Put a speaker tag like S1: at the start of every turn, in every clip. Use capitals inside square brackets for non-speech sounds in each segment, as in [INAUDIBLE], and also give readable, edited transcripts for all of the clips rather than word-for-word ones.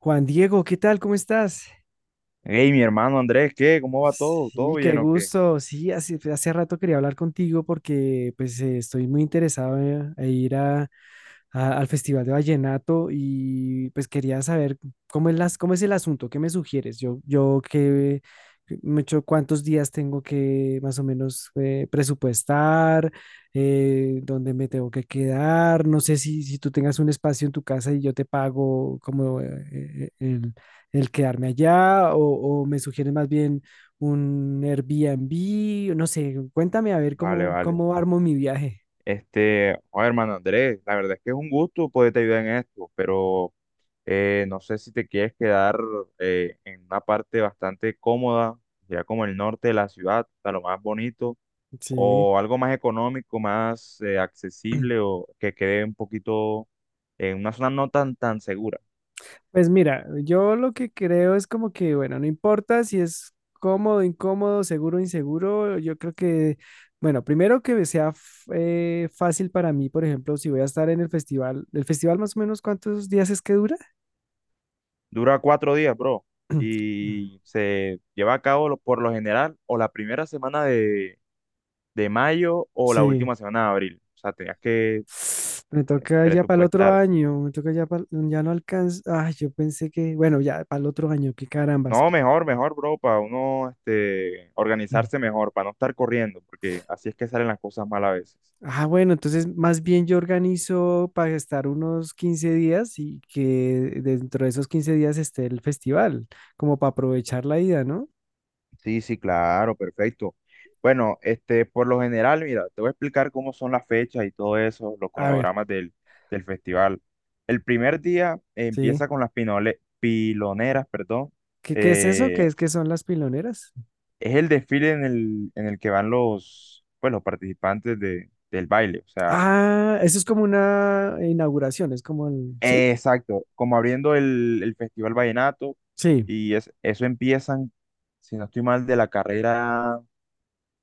S1: Juan Diego, ¿qué tal? ¿Cómo estás?
S2: Hey, mi hermano Andrés, ¿qué? ¿Cómo va todo? ¿Todo
S1: Sí, qué
S2: bien o qué?
S1: gusto. Sí, hace rato quería hablar contigo porque pues estoy muy interesado en ir al Festival de Vallenato y pues quería saber cómo es el asunto, qué me sugieres. Cuántos días tengo que más o menos presupuestar, dónde me tengo que quedar. No sé si tú tengas un espacio en tu casa y yo te pago como el quedarme allá o me sugieres más bien un Airbnb, no sé, cuéntame a ver
S2: Vale,
S1: cómo,
S2: vale.
S1: cómo armo mi viaje.
S2: Oye, hermano Andrés, la verdad es que es un gusto poderte ayudar en esto, pero no sé si te quieres quedar en una parte bastante cómoda, ya como el norte de la ciudad, hasta lo más bonito,
S1: Sí.
S2: o algo más económico, más accesible,
S1: [CLEARS THROAT]
S2: o que quede un poquito en una zona no tan, tan segura.
S1: Pues mira, yo lo que creo es como que, bueno, no importa si es cómodo, incómodo, seguro, inseguro, yo creo que, bueno, primero que sea fácil para mí, por ejemplo, si voy a estar en ¿el festival más o menos cuántos días es que dura?
S2: Dura 4 días, bro,
S1: [CLEARS THROAT]
S2: y se lleva a cabo por lo general o la primera semana de mayo o la
S1: Sí,
S2: última semana de abril. O sea, tenías que
S1: me toca ya para el otro
S2: presupuestar.
S1: año, me toca ya para, ya no alcanza, ay, yo pensé que, bueno, ya para el otro año, qué carambas.
S2: No, mejor, mejor, bro, para uno organizarse
S1: [CLEARS THROAT]
S2: mejor, para no estar corriendo, porque así es que salen las cosas mal a veces.
S1: Ah, bueno, entonces más bien yo organizo para estar unos 15 días y que dentro de esos 15 días esté el festival, como para aprovechar la ida, ¿no?
S2: Sí, sí, claro, perfecto. Bueno, por lo general, mira, te voy a explicar cómo son las fechas y todo eso, los
S1: A ver,
S2: cronogramas del festival. El primer día
S1: sí.
S2: empieza con las piloneras, perdón.
S1: ¿Qué es eso? ¿Qué es que son las piloneras?
S2: Es el desfile en el que van los, pues, los participantes del baile, o sea,
S1: Ah, eso es como una inauguración, es como el... ¿Sí?
S2: exacto, como abriendo el Festival Vallenato,
S1: Sí.
S2: y es, eso empiezan, si no estoy mal,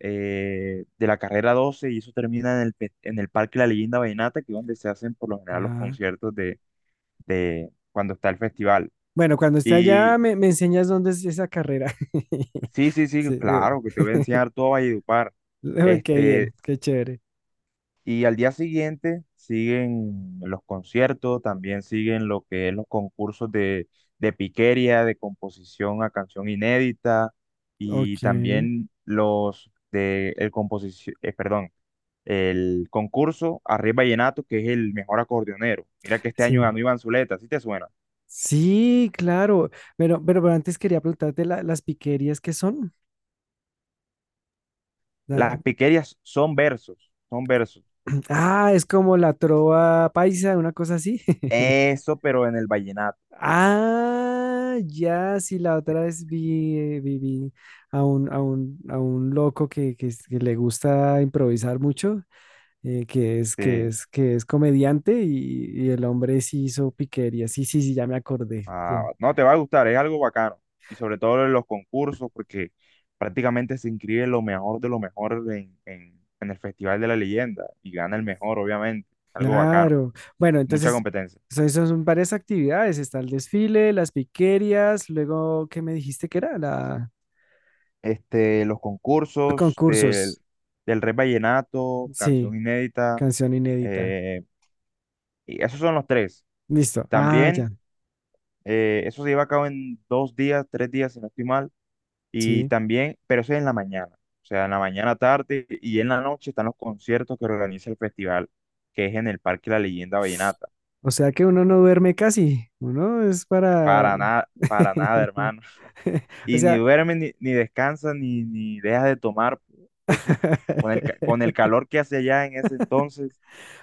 S2: de la carrera 12 y eso termina en el, en el Parque La Leyenda Vallenata, que es donde se hacen por lo general los
S1: Ah,
S2: conciertos de cuando está el festival.
S1: bueno, cuando esté allá
S2: Y
S1: me, me enseñas dónde es esa carrera. [LAUGHS]
S2: sí, sí, sí,
S1: Sí.
S2: claro, que te voy a enseñar
S1: [LAUGHS]
S2: todo Valledupar.
S1: Uy, qué bien,
S2: Este,
S1: qué chévere.
S2: Y al día siguiente siguen los conciertos, también siguen lo que es los concursos de piquería, de composición a canción inédita y
S1: Ok.
S2: también los de el composición, perdón, el concurso Arriba Vallenato, que es el mejor acordeonero. Mira que este año
S1: Sí.
S2: ganó Iván Zuleta, ¿sí te suena?
S1: Sí, claro. Pero antes quería preguntarte las piquerías que son. La-
S2: Las piquerías son versos, son versos.
S1: [CLEARS THROAT] Ah, es como la trova paisa, una cosa así. [LAUGHS]
S2: Eso, pero en el vallenato.
S1: Ah, ya, sí, la otra vez vi a un loco que le gusta improvisar mucho, eh, que es, que
S2: Este,
S1: es, que es comediante y el hombre sí hizo piquerías. Sí, sí, sí, ya me acordé.
S2: Ah, no, te va a gustar, es algo bacano. Y sobre todo en los concursos, porque prácticamente se inscribe lo mejor de lo mejor en el Festival de la Leyenda y gana el mejor, obviamente. Algo bacano,
S1: Claro. Bueno,
S2: mucha
S1: entonces,
S2: competencia.
S1: eso son varias actividades. Está el desfile, las piquerías, luego, ¿qué me dijiste que era? La...
S2: Los
S1: Los
S2: concursos
S1: concursos.
S2: del Rey Vallenato,
S1: Sí,
S2: canción inédita,
S1: canción inédita.
S2: eh, y esos son los tres.
S1: Listo. Ah, ya.
S2: También, eso se lleva a cabo en 2 días, 3 días, si no estoy mal. Y
S1: Sí.
S2: también, pero eso es en la mañana, o sea, en la mañana, tarde y en la noche están los conciertos que organiza el festival, que es en el Parque La Leyenda Vallenata.
S1: O sea que uno no duerme casi.
S2: Para nada,
S1: [LAUGHS]
S2: hermano. [LAUGHS]
S1: O
S2: Y ni
S1: sea...
S2: duermes, ni, ni descansas, ni, ni dejas de tomar. Eso es- con el, con el
S1: [LAUGHS]
S2: calor que hace allá en ese entonces,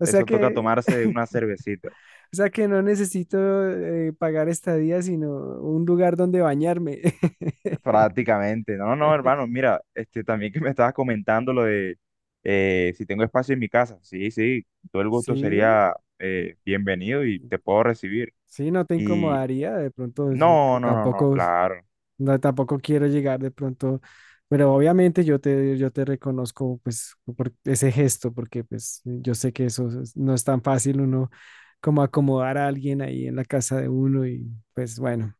S1: O sea
S2: eso toca
S1: que...
S2: tomarse
S1: [LAUGHS]
S2: una cervecita.
S1: O sea que no necesito pagar estadía, sino un lugar donde bañarme. [LAUGHS]
S2: Prácticamente. No, no, hermano, mira, también que me estabas comentando lo de si tengo espacio en mi casa. Sí, sí, todo el gusto
S1: Sí.
S2: sería bienvenido y te puedo recibir.
S1: Sí, no te
S2: Y
S1: incomodaría, de pronto es que
S2: no, no, no, no,
S1: tampoco,
S2: claro.
S1: no, tampoco quiero llegar de pronto, pero obviamente yo te reconozco pues por ese gesto, porque pues yo sé que eso no es tan fácil uno como acomodar a alguien ahí en la casa de uno y pues bueno,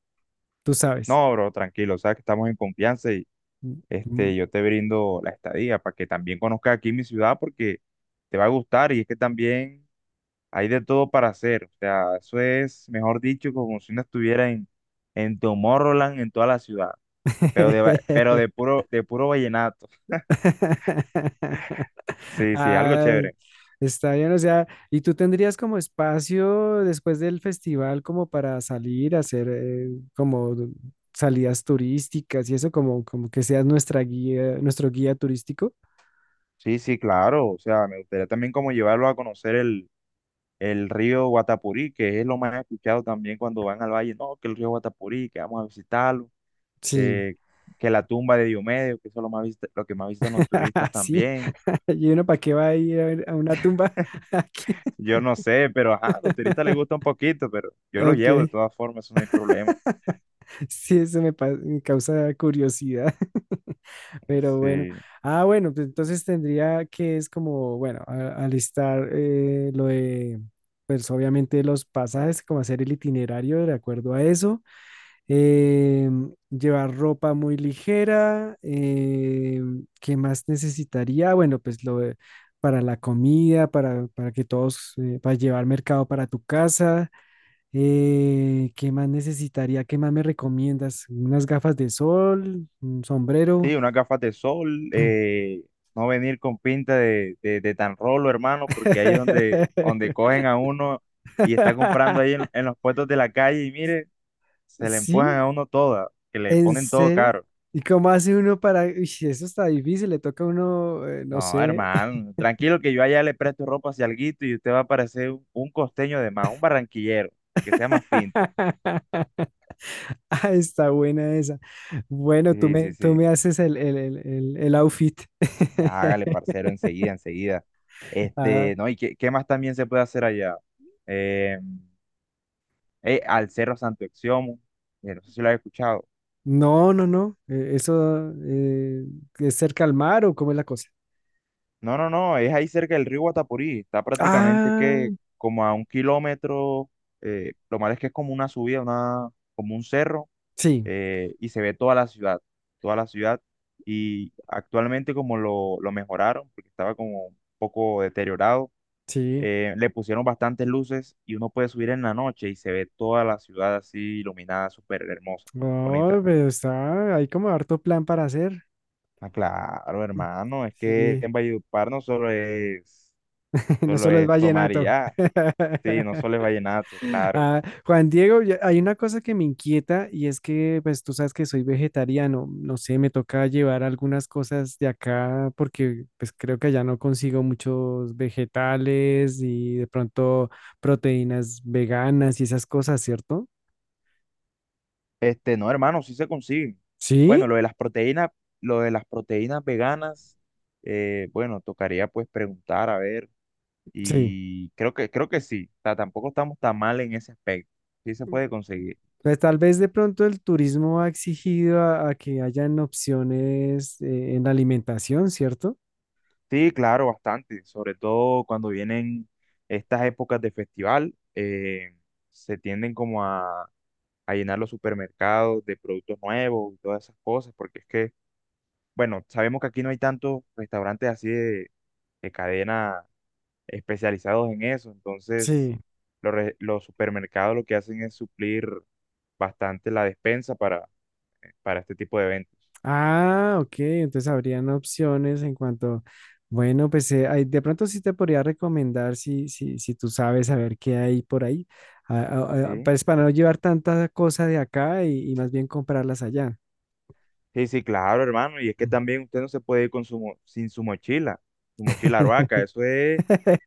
S1: tú sabes.
S2: No, bro, tranquilo, sabes que estamos en confianza y
S1: Mm, mm.
S2: yo te brindo la estadía para que también conozcas aquí mi ciudad porque te va a gustar y es que también hay de todo para hacer. O sea, eso es, mejor dicho, como si uno estuviera en Tomorrowland, en toda la ciudad. Pero de, pero
S1: [LAUGHS]
S2: de puro vallenato.
S1: [LAUGHS]
S2: Sí, sí, algo
S1: Ah,
S2: chévere.
S1: está bien, o sea, ¿y tú tendrías como espacio después del festival como para salir a hacer como salidas turísticas y eso como que seas nuestra guía, nuestro guía turístico?
S2: Sí, sí, claro. O sea, me gustaría también como llevarlo a conocer el río Guatapurí, que es lo más escuchado también cuando van al valle. No, que el río Guatapurí, que vamos a visitarlo.
S1: Sí.
S2: eh, que la tumba de Diomedes, que eso es lo más lo que más visitan los turistas
S1: [LAUGHS] Sí,
S2: también.
S1: [LAUGHS] y uno para qué va a ir a ver a una tumba [LAUGHS] aquí.
S2: Yo no sé, pero ajá, a los turistas les gusta un poquito, pero yo los
S1: Ok,
S2: llevo de todas formas, eso no hay problema.
S1: sí, me causa curiosidad. Pero bueno,
S2: Sí.
S1: ah, bueno, pues entonces tendría que es como, bueno, alistar pues obviamente los pasajes, como hacer el itinerario de acuerdo a eso, llevar ropa muy ligera, ¿qué más necesitaría? Bueno, pues para la comida, para que todos, para llevar mercado para tu casa, ¿qué más necesitaría? ¿Qué más me recomiendas? ¿Unas gafas de sol? ¿Un sombrero?
S2: Sí, unas gafas de sol,
S1: [CLEARS THROAT]
S2: no venir con pinta de tan rolo, hermano, porque ahí es donde, donde
S1: [LAUGHS]
S2: cogen a uno y está comprando ahí en los puestos de la calle y mire, se le empujan
S1: ¿Sí?
S2: a uno toda, que le
S1: ¿En
S2: ponen todo
S1: serio?
S2: caro.
S1: ¿Y cómo hace uno para...? Uy, sí, eso está difícil, le toca a uno, no
S2: No,
S1: sé.
S2: hermano, tranquilo que yo allá le presto ropa si alguito y usted va a parecer un costeño de más, un barranquillero, que sea más pinta.
S1: [LAUGHS] Ah, está buena esa. Bueno, tú
S2: Sí, sí,
S1: me, tú
S2: sí.
S1: me haces el outfit.
S2: Hágale,
S1: [LAUGHS]
S2: parcero, enseguida, enseguida.
S1: Ah,
S2: No, ¿y qué, qué más también se puede hacer allá? Em, al Cerro Santo Exiomo. No sé si lo has escuchado.
S1: no, no, no. Eso es cerca al mar o cómo es la cosa.
S2: No, no, no, es ahí cerca del río Guatapurí. Está prácticamente
S1: Ah,
S2: que como a 1 kilómetro. Lo malo es que es como una subida, una, como un cerro,
S1: sí,
S2: y se ve toda la ciudad, toda la ciudad. Y actualmente como lo mejoraron, porque estaba como un poco deteriorado,
S1: sí.
S2: le pusieron bastantes luces y uno puede subir en la noche y se ve toda la ciudad así iluminada, súper hermosa,
S1: No,
S2: bonita.
S1: pero está, hay como harto plan para hacer.
S2: Ah, claro, hermano, es que
S1: Sí.
S2: en Valledupar no solo es,
S1: [LAUGHS] No
S2: solo
S1: solo es
S2: es tomar y
S1: vallenato.
S2: ya, sí, no
S1: [LAUGHS]
S2: solo es vallenato, claro.
S1: Ah, Juan Diego, hay una cosa que me inquieta y es que, pues tú sabes que soy vegetariano. No sé, me toca llevar algunas cosas de acá porque, pues creo que allá no consigo muchos vegetales y de pronto proteínas veganas y esas cosas, ¿cierto?
S2: No, hermano, sí se consiguen.
S1: Sí,
S2: Bueno, lo de las proteínas, lo de las proteínas veganas, bueno, tocaría pues preguntar, a ver,
S1: sí.
S2: y creo que sí, o sea, tampoco estamos tan mal en ese aspecto, sí se puede conseguir.
S1: Pues tal vez de pronto el turismo ha exigido a que hayan opciones en la alimentación, ¿cierto?
S2: Sí, claro, bastante, sobre todo cuando vienen estas épocas de festival, se tienden como a llenar los supermercados de productos nuevos y todas esas cosas, porque es que, bueno, sabemos que aquí no hay tantos restaurantes así de cadena especializados en eso, entonces
S1: Sí.
S2: los, los supermercados lo que hacen es suplir bastante la despensa para este tipo de eventos.
S1: Ah, ok, entonces habrían opciones en cuanto, bueno, pues ahí de pronto sí te podría recomendar si tú sabes a ver qué hay por ahí,
S2: Sí,
S1: pues para no llevar tanta cosa de acá y más bien comprarlas allá.
S2: sí, sí, claro, hermano, y es que también usted no se puede ir con su, sin su mochila, su mochila arhuaca,
S1: [LAUGHS]
S2: eso es...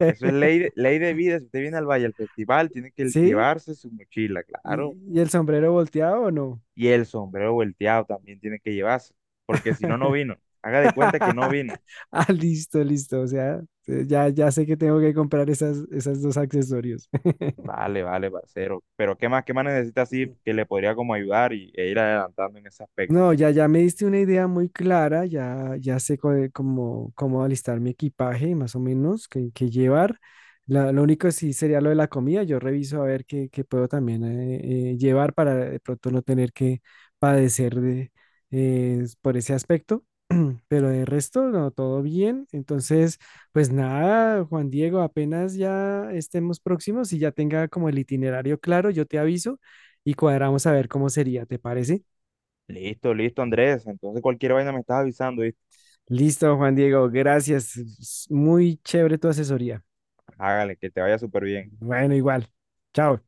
S2: Eso es ley de vida. Si usted viene al Valle al festival, tiene que
S1: ¿Sí?
S2: llevarse su mochila, claro.
S1: Y el sombrero volteado o no?
S2: Y el sombrero volteado también tiene que llevarse, porque si no, no vino. Haga de cuenta que no
S1: [LAUGHS]
S2: vino.
S1: Ah, listo, listo, o sea, ya, ya sé que tengo que comprar esas dos accesorios. [LAUGHS]
S2: Vale, vale, parcero. Pero qué más necesita así que le podría como ayudar y, e ir adelantando en ese aspecto?
S1: No, ya, ya me diste una idea muy clara, ya, ya sé cómo alistar mi equipaje, más o menos, qué llevar. Lo único sí sería lo de la comida, yo reviso a ver qué puedo también llevar para de pronto no tener que padecer por ese aspecto, [CLEARS THROAT] pero de resto, no, todo bien. Entonces, pues nada, Juan Diego, apenas ya estemos próximos y ya tenga como el itinerario claro, yo te aviso y cuadramos a ver cómo sería, ¿te parece?
S2: Listo, listo, Andrés. Entonces cualquier vaina me estás avisando, ¿viste?
S1: Listo, Juan Diego, gracias. Es muy chévere tu asesoría.
S2: Hágale, que te vaya súper bien.
S1: Bueno, igual. Chao.